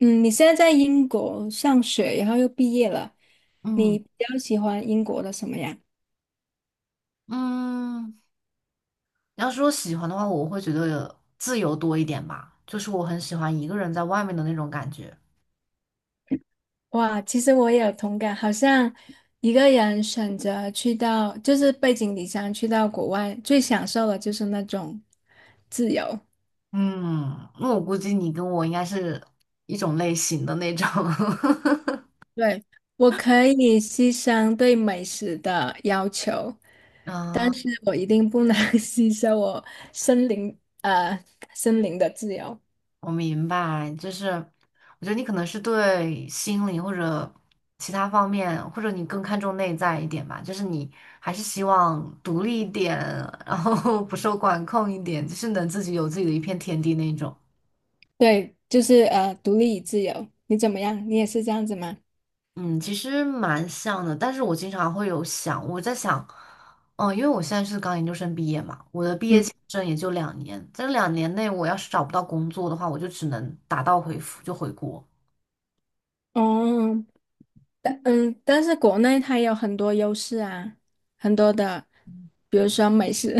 嗯，你现在在英国上学，然后又毕业了，嗯你比较喜欢英国的什么呀？嗯，要是我喜欢的话，我会觉得自由多一点吧，就是我很喜欢一个人在外面的那种感觉。哇，其实我也有同感，好像一个人选择去到，就是背井离乡去到国外，最享受的就是那种自由。嗯，那我估计你跟我应该是一种类型的那种。对，我可以牺牲对美食的要求，但是我一定不能 牺牲我森林，呃，森林的自由。我明白，就是我觉得你可能是对心理或者其他方面，或者你更看重内在一点吧，就是你还是希望独立一点，然后 不受管控一点，就是能自己有自己的一片天地那种。对，就是独立与自由，你怎么样？你也是这样子吗？嗯，其实蛮像的，但是我经常会有想，我在想，嗯，因为我现在是刚研究生毕业嘛，我嗯，这也就两年，在这两年内，我要是找不到工作的话，我就只能打道回府，就回国。哦，但是国内它有很多优势啊，很多的，比如说美食，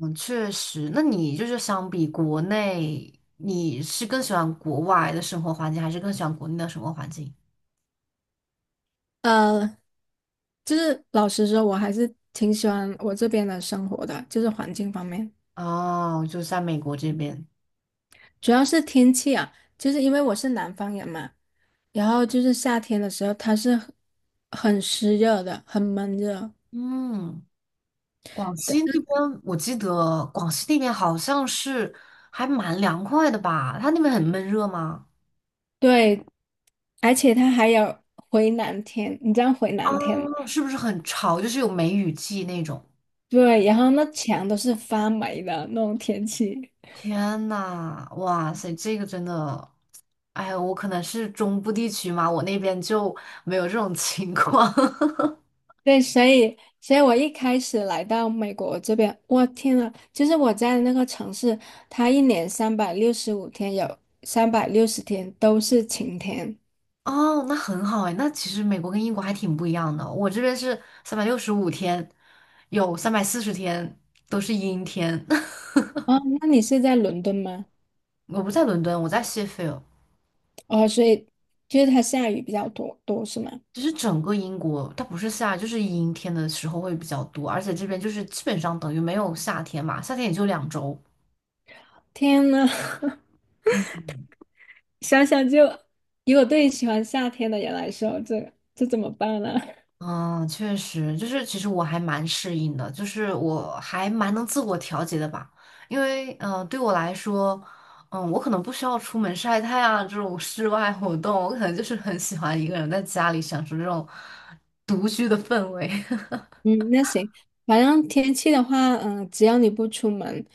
嗯，确实，那你就是相比国内，你是更喜欢国外的生活环境，还是更喜欢国内的生活环境？呃，就是老实说，我还是挺喜欢我这边的生活的，就是环境方面，哦，就在美国这边。主要是天气啊，就是因为我是南方人嘛，然后就是夏天的时候它是很湿热的，很闷热的。嗯，广西那边我记得广西那边好像是还蛮凉快的吧？它那边很闷热吗？对，而且它还有回南天，你知道回南天吗？哦，是不是很潮？就是有梅雨季那种。对，然后那墙都是发霉的那种天气。天呐，哇塞，这个真的，哎呀，我可能是中部地区嘛，我那边就没有这种 情况。对，所以我一开始来到美国这边，我天呐，就是我在那个城市，它一年365天有360天都是晴天。哦，那很好哎，那其实美国跟英国还挺不一样的。我这边是365天，有340天都是阴天。哦，那你是在伦敦吗？我不在伦敦，我在谢菲尔。哦，所以就是它下雨比较多是吗？其实整个英国它不是夏，就是阴天的时候会比较多，而且这边就是基本上等于没有夏天嘛，夏天也就2周。天呐！嗯想想就，如果对于喜欢夏天的人来说，这怎么办呢？嗯，确实，就是其实我还蛮适应的，就是我还蛮能自我调节的吧。因为对我来说，嗯，我可能不需要出门晒太阳啊这种室外活动，我可能就是很喜欢一个人在家里享受这种独居的氛围。嗯，那行，反正天气的话，只要你不出门，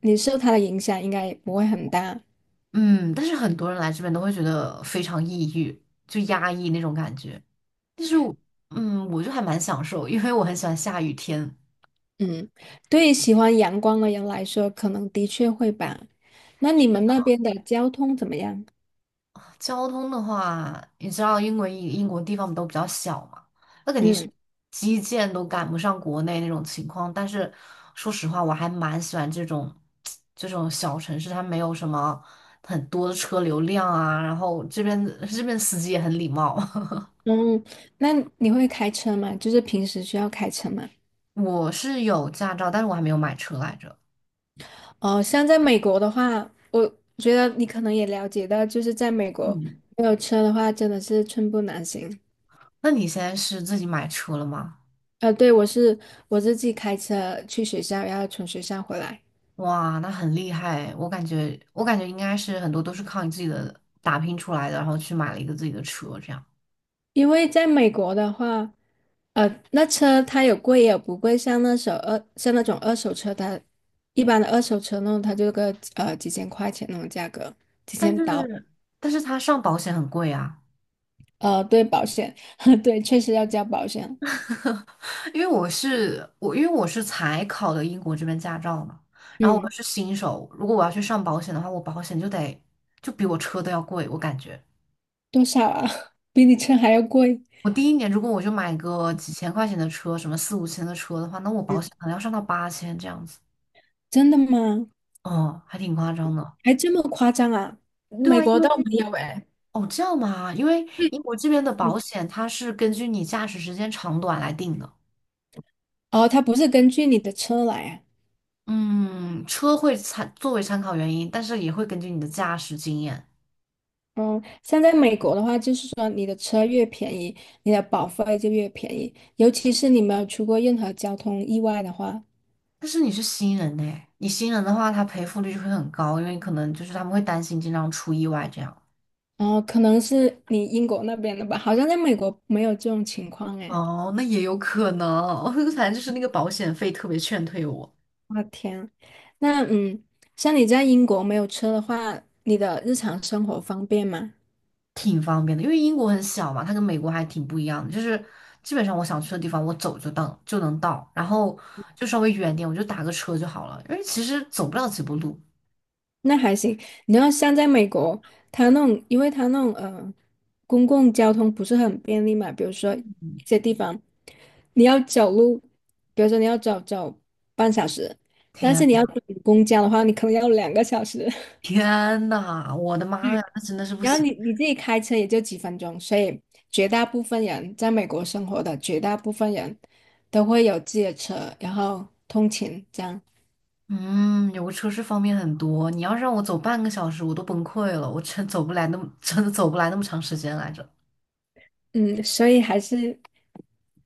你受它的影响应该也不会很大。嗯，但是很多人来这边都会觉得非常抑郁，就压抑那种感觉。但是我就还蛮享受，因为我很喜欢下雨天。嗯，对于喜欢阳光的人来说，可能的确会吧。那你们那边的交通怎么样？交通的话，你知道英国地方都比较小嘛，那肯定是嗯基建都赶不上国内那种情况。但是说实话，我还蛮喜欢这种 这种小城市，它没有什么很多的车流量啊，然后这边 这边司机也很礼貌。嗯，那你会开车吗？就是平时需要开车吗？我是有驾照，但是我还没有买车来着。哦，像在美国的话，我觉得你可能也了解到，就是在美国嗯，没有车的话，真的是寸步难行。那你现在是自己买车了吗？对，我自己开车去学校，然后从学校回来。哇，那很厉害，我感觉应该是很多都是靠你自己的打拼出来的，然后去买了一个自己的车这样。因为在美国的话，那车它有贵也有不贵，像那种二手车，它一般的二手车那种，它就个几千块钱那种价格，几但千是刀。但是他上保险很贵啊，对，保险，对，确实要交保险，因为我是才考的英国这边驾照嘛，然后我嗯，是新手，如果我要去上保险的话，我保险就得就比我车都要贵，我感觉。多少啊？比你车还要贵。我第一年如果我就买个几千块钱的车，什么四五千的车的话，那我保嗯。险可能要上到8000这样子，真的吗？哦，还挺夸张的。还这么夸张啊？对美啊，国因倒为没有哎。哦，这样吗？因为嗯，英国这边的嗯，保险它是根据你驾驶时间长短来定的。哦，它不是根据你的车来啊。嗯，车会作为参考原因，但是也会根据你的驾驶经验。嗯，像在美国的话，就是说你的车越便宜，你的保费就越便宜。尤其是你没有出过任何交通意外的话，但是你是新人呢，你新人的话，他赔付率就会很高，因为可能就是他们会担心经常出意外这样。哦，可能是你英国那边的吧，好像在美国没有这种情况哎。哦，那也有可能，反正就是那个保险费特别劝退我。我的天，那像你在英国没有车的话，你的日常生活方便吗？挺方便的，因为英国很小嘛，它跟美国还挺不一样的，就是基本上我想去的地方，我走就能到，然后就稍微远点，我就打个车就好了，因为其实走不了几步路。那还行。你要像在美国，它那种，因为它那种，公共交通不是很便利嘛，比如说一些地方你要走路，比如说你要走半小时，但是天，你要等公交的话，你可能要2个小时，天呐，我的妈呀，那真的是 不然后行。你自己开车也就几分钟，所以绝大部分人在美国生活的绝大部分人都会有自己的车，然后通勤这样，嗯，有个车是方便很多，你要是让我走半个小时，我都崩溃了，我真走不来那么，真的走不来那么长时间来着。嗯，所以还是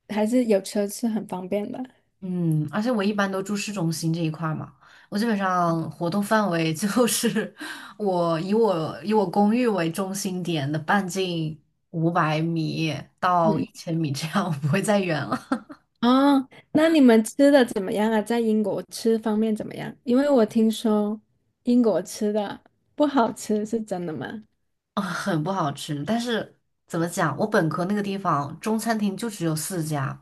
还是有车是很方便的，嗯，而且我一般都住市中心这一块儿嘛，我基本上活动范围就是 我以我公寓为中心点的半径500米到一嗯。千米这样，我不会再远了。哦，那你们吃的怎么样啊？在英国吃方面怎么样？因为我听说英国吃的不好吃，是真的吗？啊，很不好吃，但是怎么讲，我本科那个地方中餐厅就只有4家，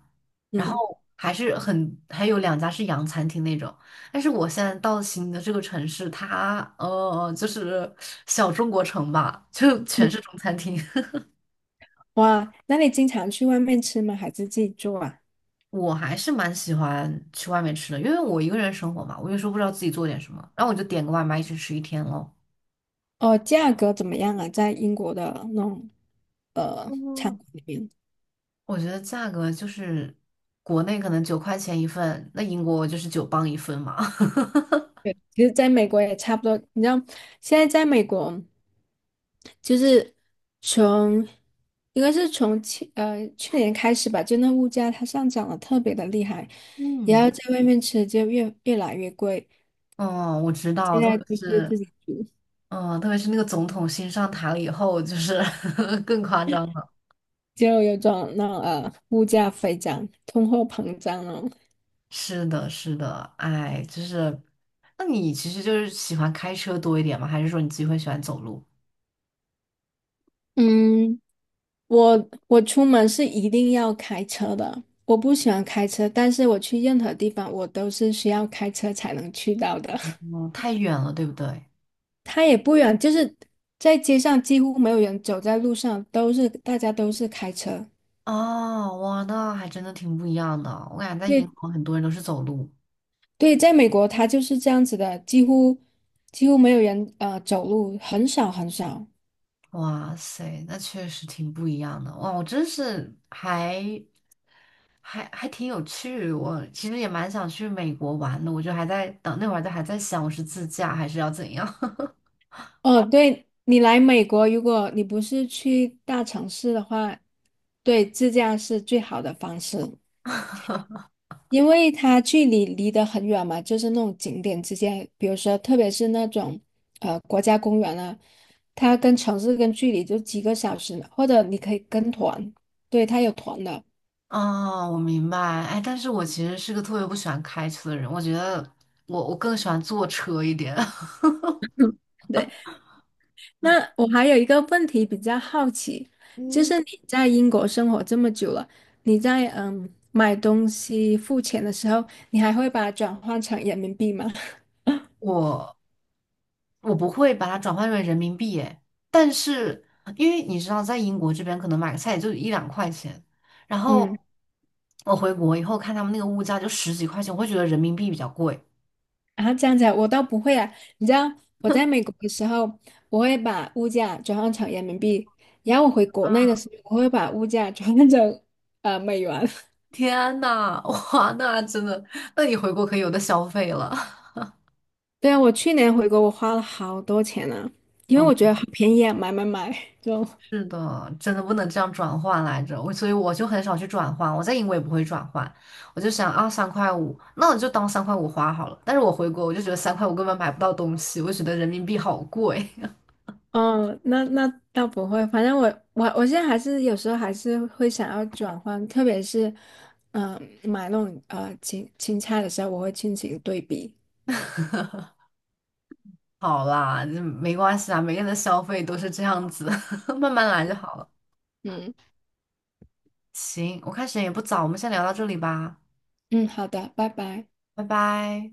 然嗯，后还是还有2家是洋餐厅那种，但是我现在到新的这个城市，它就是小中国城吧，就嗯全是中餐厅。哇，那你经常去外面吃吗？还是自己做啊？我还是蛮喜欢去外面吃的，因为我一个人生活嘛，我有时候不知道自己做点什么，然后我就点个外卖一直吃一天咯。哦，价格怎么样啊？在英国的那种餐嗯，馆里面？我觉得价格就是国内可能9块钱一份，那英国就是9磅一份嘛。对，其实在美国也差不多。你知道，现在在美国，就是从应该是从去年开始吧，就那物价它上涨的特别的厉害，然嗯，后在外面吃就越来越贵。哦，我知现道，特在别就是自是己煮，嗯，特别是那个总统新上台了以后，就是 更夸张了。就有种那种物价飞涨、通货膨胀了。是的，是的，哎，就是，那你其实就是喜欢开车多一点吗？还是说你自己会喜欢走路？嗯，我出门是一定要开车的。我不喜欢开车，但是我去任何地方，我都是需要开车才能去到的。嗯，太远了，对不对？他也不远，就是在街上几乎没有人走在路上，大家都是开车。哦，哇，那还真的挺不一样的哦。我感觉在英对国很多人都是走路，对，在美国他就是这样子的，几乎没有人走路，很少很少。哇塞，那确实挺不一样的。哇，我真是还挺有趣。我其实也蛮想去美国玩的，我就还在等那会儿，就还在想我是自驾还是要怎样。哦，对，你来美国，如果你不是去大城市的话，对，自驾是最好的方式。因为它距离离得很远嘛，就是那种景点之间，比如说特别是那种国家公园啊，它跟城市跟距离就几个小时呢，或者你可以跟团，对，它有团的。哦，我明白。哎，但是我其实是个特别不喜欢开车的人，我觉得我更喜欢坐车一点。对，那我还有一个问题比较好奇，就嗯，是你在英国生活这么久了，你在买东西付钱的时候，你还会把它转换成人民币吗？我我不会把它转换成人民币诶，但是因为你知道，在英国这边可能买个菜也就一两块钱，然后嗯。我回国以后看他们那个物价就十几块钱，我会觉得人民币比较贵。啊，这样子啊我倒不会啊。你知道我在美国的时候，我会把物价转换成人民币，然后我回国内的时候，我会把物价转换成美元。天呐，哇，那真的，那你回国可以有的消费了。对啊，我去年回国，我花了好多钱呢，因为我嗯，觉得好便宜啊，买买买就。是的，真的不能这样转换来着，所以我就很少去转换，我在英国也不会转换，我就想啊，三块五，那我就当三块五花好了。但是我回国，我就觉得三块五根本买不到东西，我觉得人民币好贵。嗯那倒不会，反正我现在还是有时候还是会想要转换，特别是嗯、买那种青菜的时候，我会进行对比。好啦，这没关系啊，每个人的消费都是这样子，慢慢来就好了。嗯行，我看时间也不早，我们先聊到这里吧，嗯，好的，拜拜。拜拜。